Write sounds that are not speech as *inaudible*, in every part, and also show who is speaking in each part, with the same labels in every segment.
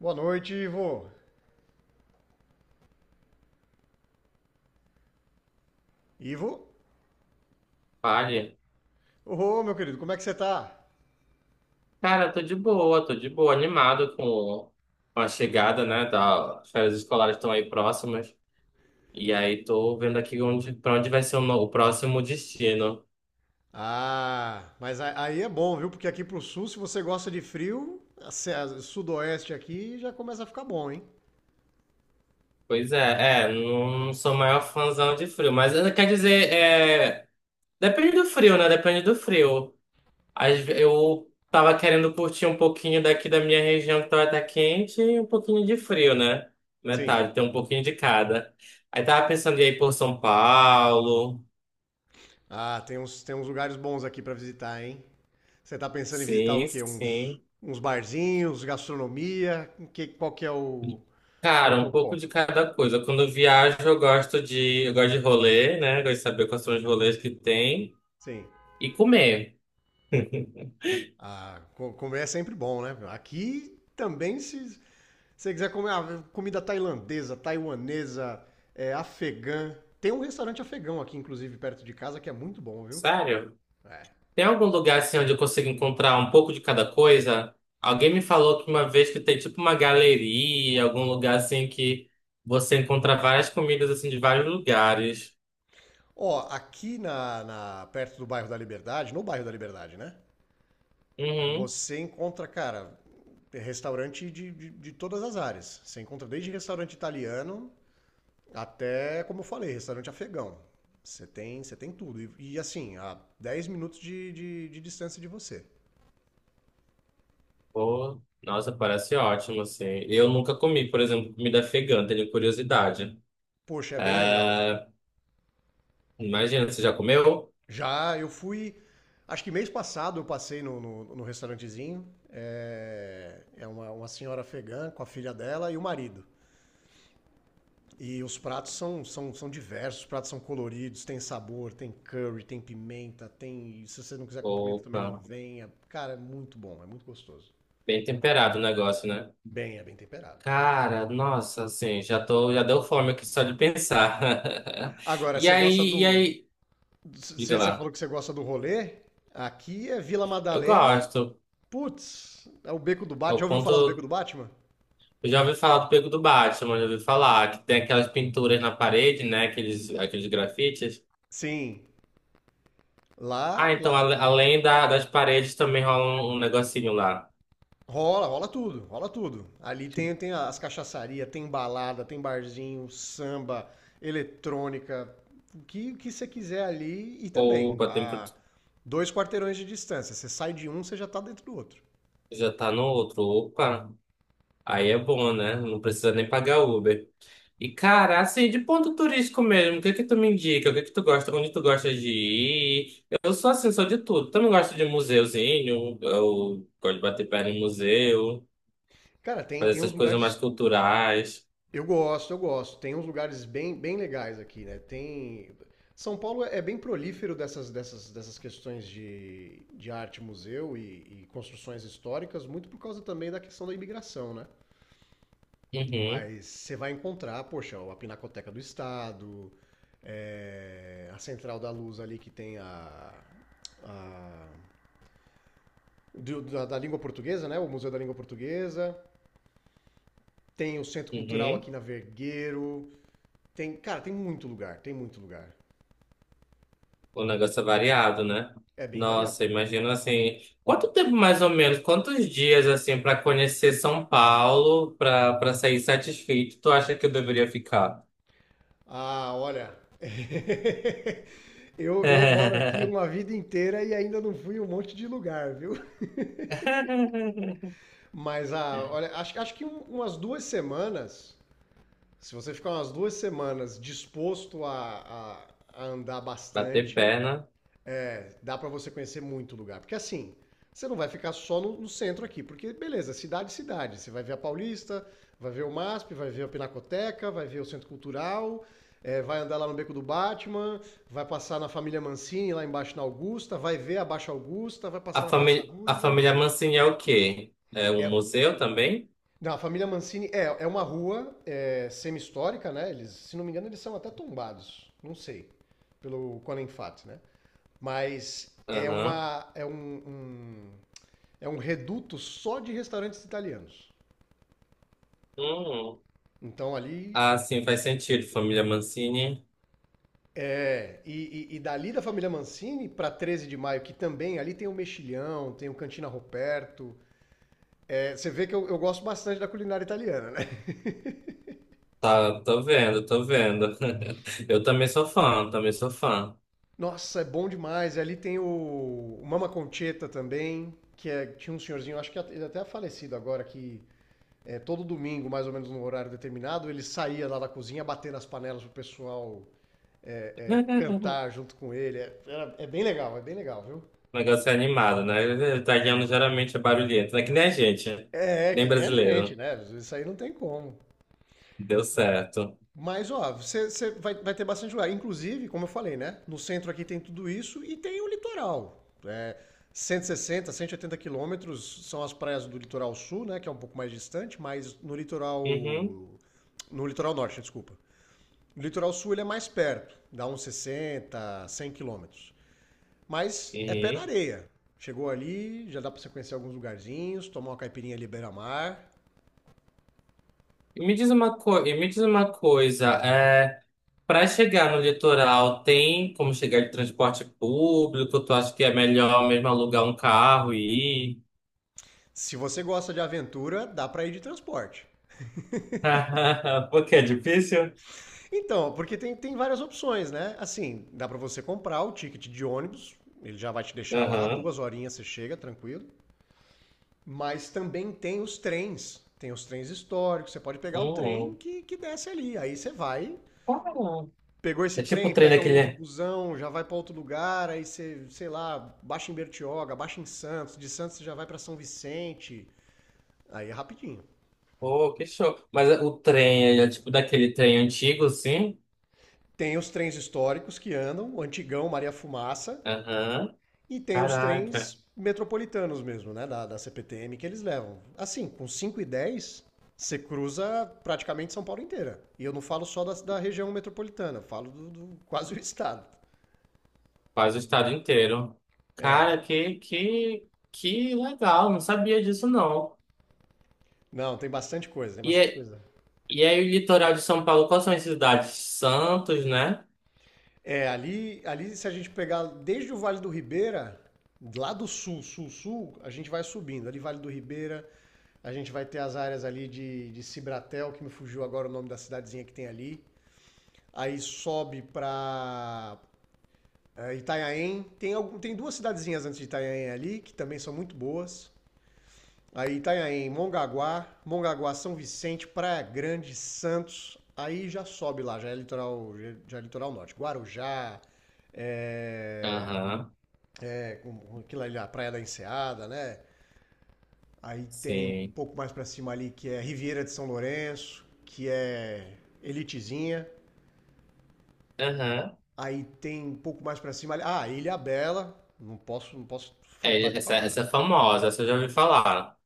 Speaker 1: Boa noite, Ivo. Ivo?
Speaker 2: Vale.
Speaker 1: Ô, meu querido, como é que você tá?
Speaker 2: Cara, tô de boa, animado com a chegada, né? As férias escolares estão aí próximas. E aí tô vendo aqui onde, pra onde vai ser o, no- o próximo destino.
Speaker 1: Ah, mas aí é bom, viu? Porque aqui pro sul, se você gosta de frio, a se- a- sudoeste aqui já começa a ficar bom, hein?
Speaker 2: Pois é, é, não sou maior fãzão de frio, mas quer dizer, é, depende do frio, né? Depende do frio. Eu tava querendo curtir um pouquinho daqui da minha região que tá quente e um pouquinho de frio, né?
Speaker 1: Sim.
Speaker 2: Metade, tem um pouquinho de cada. Aí tava pensando em ir por São Paulo.
Speaker 1: Ah, tem uns lugares bons aqui pra visitar, hein? Você tá pensando em visitar o
Speaker 2: Sim,
Speaker 1: quê? Uns,
Speaker 2: sim.
Speaker 1: uns barzinhos, gastronomia? Qual
Speaker 2: Cara,
Speaker 1: que é
Speaker 2: um
Speaker 1: o
Speaker 2: pouco
Speaker 1: foco?
Speaker 2: de cada coisa. Quando eu viajo, eu gosto de rolê, né? Gosto de saber quais são os rolês que tem
Speaker 1: Sim.
Speaker 2: e comer.
Speaker 1: Ah, comer é sempre bom, né? Aqui também se. Se você quiser comer comida tailandesa, taiwanesa, afegã. Tem um restaurante afegão aqui, inclusive, perto de casa, que é muito bom, viu?
Speaker 2: Sério?
Speaker 1: É.
Speaker 2: Tem algum lugar assim onde eu consigo encontrar um pouco de cada coisa? Alguém me falou que uma vez que tem tipo uma galeria, algum lugar assim que você encontra várias comidas assim de vários lugares.
Speaker 1: Ó, perto do bairro da Liberdade, no bairro da Liberdade, né?
Speaker 2: Uhum.
Speaker 1: Você encontra, cara, restaurante de todas as áreas. Você encontra desde restaurante italiano até, como eu falei, restaurante afegão. Você tem tudo. E, assim, a 10 minutos de distância de você.
Speaker 2: Pô, nossa, parece ótimo, assim. Eu nunca comi, por exemplo, comida afegã, tenho curiosidade.
Speaker 1: Poxa, é bem legal.
Speaker 2: É, imagina, você já comeu?
Speaker 1: Já, eu fui. Acho que mês passado eu passei no restaurantezinho. É uma senhora afegã com a filha dela e o marido. E os pratos são diversos, os pratos são coloridos, tem sabor, tem curry, tem pimenta, tem. Se você não quiser com pimenta também não
Speaker 2: Opa,
Speaker 1: venha. Cara, é muito bom, é muito gostoso.
Speaker 2: bem temperado o negócio, né?
Speaker 1: Bem, é bem temperado.
Speaker 2: Cara, nossa, assim, já tô, já deu fome aqui só de pensar. *laughs*
Speaker 1: Agora,
Speaker 2: E
Speaker 1: você gosta
Speaker 2: aí, e
Speaker 1: do.
Speaker 2: aí, diga
Speaker 1: Você falou
Speaker 2: lá.
Speaker 1: que você gosta do rolê? Aqui é Vila
Speaker 2: Eu
Speaker 1: Madalena.
Speaker 2: gosto.
Speaker 1: Putz, é o Beco do
Speaker 2: É
Speaker 1: Batman. Já
Speaker 2: o
Speaker 1: ouviu falar do Beco do
Speaker 2: ponto,
Speaker 1: Batman?
Speaker 2: eu já ouvi falar do Pego do Batman, já ouvi falar que tem aquelas pinturas na parede, né? Aqueles grafites.
Speaker 1: Sim.
Speaker 2: Ah, então
Speaker 1: Lá
Speaker 2: das paredes também rola um negocinho lá.
Speaker 1: rola tudo, rola tudo. Ali tem as cachaçarias, tem balada, tem barzinho, samba, eletrônica, o que você quiser ali e também
Speaker 2: Opa, tem, pro-
Speaker 1: a 2 quarteirões de distância. Você sai de um, você já tá dentro do outro.
Speaker 2: já tá no outro. Opa. Aí é bom, né? Não precisa nem pagar Uber. E, cara, assim, de ponto turístico mesmo, o que é que tu me indica? O que é que tu gosta? Onde tu gosta de ir? Eu sou assim, sou de tudo. Também gosto de museuzinho, eu gosto de bater perna em museu,
Speaker 1: Cara,
Speaker 2: fazer
Speaker 1: tem
Speaker 2: essas
Speaker 1: uns
Speaker 2: coisas mais
Speaker 1: lugares.
Speaker 2: culturais.
Speaker 1: Eu gosto, eu gosto. Tem uns lugares bem, bem legais aqui, né? Tem. São Paulo é bem prolífero dessas questões de arte, museu e construções históricas, muito por causa também da questão da imigração, né?
Speaker 2: Uhum,
Speaker 1: Mas você vai encontrar, poxa, a Pinacoteca do Estado, a Central da Luz ali que tem a. a da língua portuguesa, né? O Museu da Língua Portuguesa. Tem o Centro Cultural aqui
Speaker 2: uhum.
Speaker 1: na Vergueiro. Tem, cara, tem muito lugar, tem muito lugar.
Speaker 2: O negócio é variado, né?
Speaker 1: É bem variado.
Speaker 2: Nossa, imagino assim, quanto tempo mais ou menos, quantos dias assim pra conhecer São Paulo, pra para sair satisfeito, tu acha que eu deveria ficar?
Speaker 1: Ah, olha. *laughs* Eu moro aqui
Speaker 2: *laughs*
Speaker 1: uma vida inteira e ainda não fui em um monte de lugar, viu?
Speaker 2: *laughs*
Speaker 1: Mas olha, acho que umas 2 semanas. Se você ficar umas 2 semanas disposto a, a- a andar
Speaker 2: Bater
Speaker 1: bastante,
Speaker 2: perna.
Speaker 1: dá para você conhecer muito lugar. Porque assim, você não vai ficar só no centro aqui, porque beleza, cidade, cidade. Você vai ver a Paulista, vai ver o MASP, vai ver a Pinacoteca, vai ver o Centro Cultural, vai andar lá no Beco do Batman, vai passar na Família Mancini, lá embaixo na Augusta, vai ver a Baixa Augusta, vai passar na Praça
Speaker 2: A
Speaker 1: Roosevelt.
Speaker 2: família Mancini é o quê? É um
Speaker 1: É,
Speaker 2: museu também?
Speaker 1: Não, a família Mancini é uma rua é, semi-histórica, né? Eles, se não me engano, eles são até tombados. Não sei. Pelo Conan Fat, né? Mas é
Speaker 2: Aham.
Speaker 1: uma. Um- é um reduto só de restaurantes italianos.
Speaker 2: Hum.
Speaker 1: Então ali.
Speaker 2: Ah, sim, faz sentido. Família Mancini.
Speaker 1: E dali da família Mancini para 13 de Maio, que também ali tem o Mexilhão, tem o Cantina Roberto. Você vê que eu gosto bastante da culinária italiana, né?
Speaker 2: Tá, tô vendo, tô vendo. *laughs* Eu também sou fã, também sou fã.
Speaker 1: Nossa, é bom demais. Ali tem o Mama Concheta também, tinha um senhorzinho, acho que ele até é falecido agora, que todo domingo, mais ou menos no horário determinado, ele saía lá da cozinha batendo as panelas pro pessoal
Speaker 2: *laughs*
Speaker 1: cantar junto com ele. É, é bem legal, viu?
Speaker 2: O negócio é animado, né? Italiano geralmente é barulhento, né? Que nem a gente, que
Speaker 1: É
Speaker 2: nem
Speaker 1: que nem a gente,
Speaker 2: brasileiro.
Speaker 1: né? Isso aí não tem como.
Speaker 2: Deu certo.
Speaker 1: Mas, ó, você vai, vai ter bastante lugar. Inclusive, como eu falei, né? No centro aqui tem tudo isso e tem o litoral. É, 160 180 quilômetros são as praias do litoral sul, né? Que é um pouco mais distante, mas no
Speaker 2: Uhum,
Speaker 1: litoral. No litoral norte, desculpa. No litoral sul ele é mais perto, dá uns 60 100 quilômetros. Mas é pé na
Speaker 2: uhum.
Speaker 1: areia. Chegou ali, já dá pra você conhecer alguns lugarzinhos, tomar uma caipirinha ali beira-mar.
Speaker 2: E me diz uma coisa, para chegar no litoral, tem como chegar de transporte público? Tu acha que é melhor mesmo alugar um carro e ir?
Speaker 1: Se você gosta de aventura, dá pra ir de transporte.
Speaker 2: *laughs* Porque é difícil?
Speaker 1: Então, porque tem várias opções, né? Assim, dá pra você comprar o ticket de ônibus, ele já vai te deixar lá,
Speaker 2: Aham.
Speaker 1: 2 horinhas você chega, tranquilo. Mas também tem os trens históricos, você pode pegar o trem
Speaker 2: Hum,
Speaker 1: que desce ali, aí você vai.
Speaker 2: para.
Speaker 1: Pegou esse
Speaker 2: É tipo o
Speaker 1: trem,
Speaker 2: trem
Speaker 1: pega um outro
Speaker 2: daquele.
Speaker 1: busão, já vai pra outro lugar, aí você, sei lá, baixa em Bertioga, baixa em Santos, de Santos você já vai pra São Vicente, aí é rapidinho.
Speaker 2: Oh, que show. Mas o trem ele é tipo daquele trem antigo, assim?
Speaker 1: Tem os trens históricos que andam, o antigão Maria Fumaça.
Speaker 2: Aham.
Speaker 1: E tem os
Speaker 2: Caraca.
Speaker 1: trens metropolitanos mesmo, né? Da CPTM que eles levam. Assim, com 5 e 10 você cruza praticamente São Paulo inteira. E eu não falo só da região metropolitana, eu falo do quase o estado.
Speaker 2: Quase o estado inteiro.
Speaker 1: É.
Speaker 2: Cara, que legal. Não sabia disso, não.
Speaker 1: Não, tem bastante coisa, tem
Speaker 2: E,
Speaker 1: bastante
Speaker 2: é-
Speaker 1: coisa.
Speaker 2: E aí, o litoral de São Paulo, quais são as cidades? Santos, né?
Speaker 1: Ali se a gente pegar desde o Vale do Ribeira, lá do sul, sul, sul, a gente vai subindo. Ali Vale do Ribeira, a gente vai ter as áreas ali de Cibratel, que me fugiu agora o nome da cidadezinha que tem ali. Aí sobe para. Itanhaém, tem 2 cidadezinhas antes de Itanhaém ali, que também são muito boas. Aí Itanhaém, Mongaguá, São Vicente, Praia Grande, Santos. Aí já sobe lá, já é litoral norte. Guarujá, é,
Speaker 2: Aham,
Speaker 1: com aquilo ali, a Praia da Enseada, né? Aí tem um
Speaker 2: sim.
Speaker 1: pouco mais pra cima ali que é Riviera de São Lourenço, que é Elitezinha.
Speaker 2: Aham.
Speaker 1: Aí tem um pouco mais pra cima ali, Ilha Bela, não posso, não posso
Speaker 2: É,
Speaker 1: faltar de
Speaker 2: essa,
Speaker 1: falar.
Speaker 2: essa é famosa, essa eu já ouvi falar.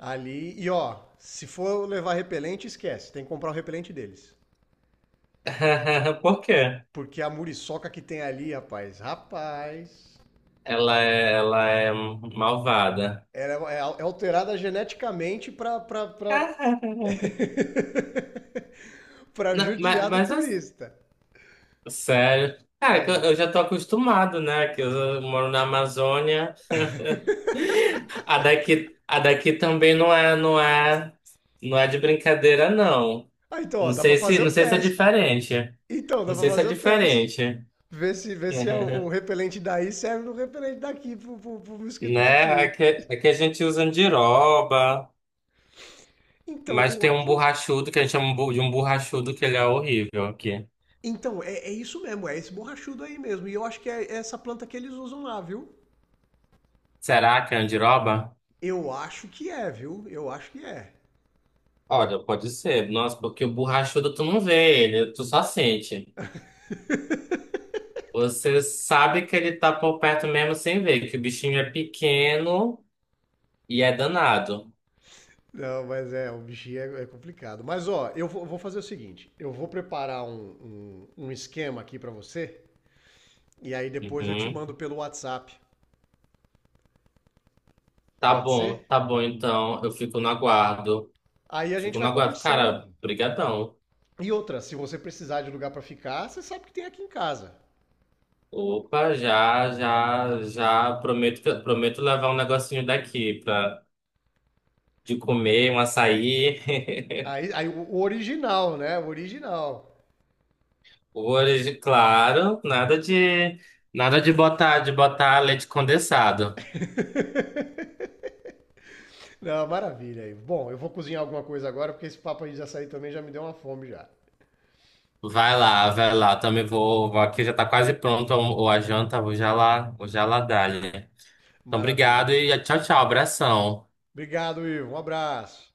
Speaker 1: Ali, e ó, se for levar repelente, esquece. Tem que comprar o repelente deles.
Speaker 2: *laughs* Por quê?
Speaker 1: Porque a muriçoca que tem ali, rapaz, rapaz.
Speaker 2: Ela é malvada.
Speaker 1: É alterada geneticamente pra...
Speaker 2: *laughs*
Speaker 1: *laughs* pra
Speaker 2: Não,
Speaker 1: judiar do
Speaker 2: mas, as-
Speaker 1: turista.
Speaker 2: sério. Cara, que eu já tô acostumado, né? Que eu moro na Amazônia. *laughs* A daqui também não é, não é, não é de brincadeira, não.
Speaker 1: Ah, então, ó, dá pra fazer o
Speaker 2: Não sei se é
Speaker 1: teste.
Speaker 2: diferente.
Speaker 1: Então, dá
Speaker 2: Não
Speaker 1: pra
Speaker 2: sei se é
Speaker 1: fazer o teste.
Speaker 2: diferente.
Speaker 1: Ver se
Speaker 2: *laughs*
Speaker 1: o repelente daí serve no repelente daqui, pro mosquito
Speaker 2: Né?
Speaker 1: daqui.
Speaker 2: Aqui, aqui a gente usa andiroba,
Speaker 1: Então,
Speaker 2: mas
Speaker 1: eu
Speaker 2: tem um
Speaker 1: acho.
Speaker 2: borrachudo que a gente chama de um borrachudo que ele é horrível aqui.
Speaker 1: Então, é isso mesmo, é esse borrachudo aí mesmo. E eu acho que é essa planta que eles usam lá, viu?
Speaker 2: Será que é andiroba?
Speaker 1: Eu acho que é, viu? Eu acho que é.
Speaker 2: Olha, pode ser. Nossa, porque o borrachudo tu não vê ele, tu só sente. Você sabe que ele tá por perto mesmo sem ver, que o bichinho é pequeno e é danado.
Speaker 1: Não, mas é, o bichinho é complicado. Mas ó, vou fazer o seguinte: eu vou preparar um, um esquema aqui pra você, e aí depois eu te
Speaker 2: Uhum.
Speaker 1: mando pelo WhatsApp. Pode ser?
Speaker 2: Tá bom então. Eu fico no aguardo.
Speaker 1: Aí a gente
Speaker 2: Fico no
Speaker 1: vai
Speaker 2: aguardo. Cara,
Speaker 1: conversando.
Speaker 2: brigadão.
Speaker 1: E outra, se você precisar de lugar pra ficar, você sabe que tem aqui em casa.
Speaker 2: Opa, já prometo, prometo levar um negocinho daqui pra, de comer, um açaí. *laughs*
Speaker 1: Aí o original, né? O original.
Speaker 2: Hoje, claro, nada de botar, de botar leite condensado.
Speaker 1: *laughs* Não, maravilha aí. Bom, eu vou cozinhar alguma coisa agora, porque esse papo aí de açaí também já me deu uma fome já.
Speaker 2: Vai lá, também vou, vou aqui já tá quase pronto ou a janta, vou já lá dar, né? Então,
Speaker 1: Maravilha,
Speaker 2: obrigado e
Speaker 1: então.
Speaker 2: tchau, tchau, abração.
Speaker 1: Obrigado, Ivo. Um abraço.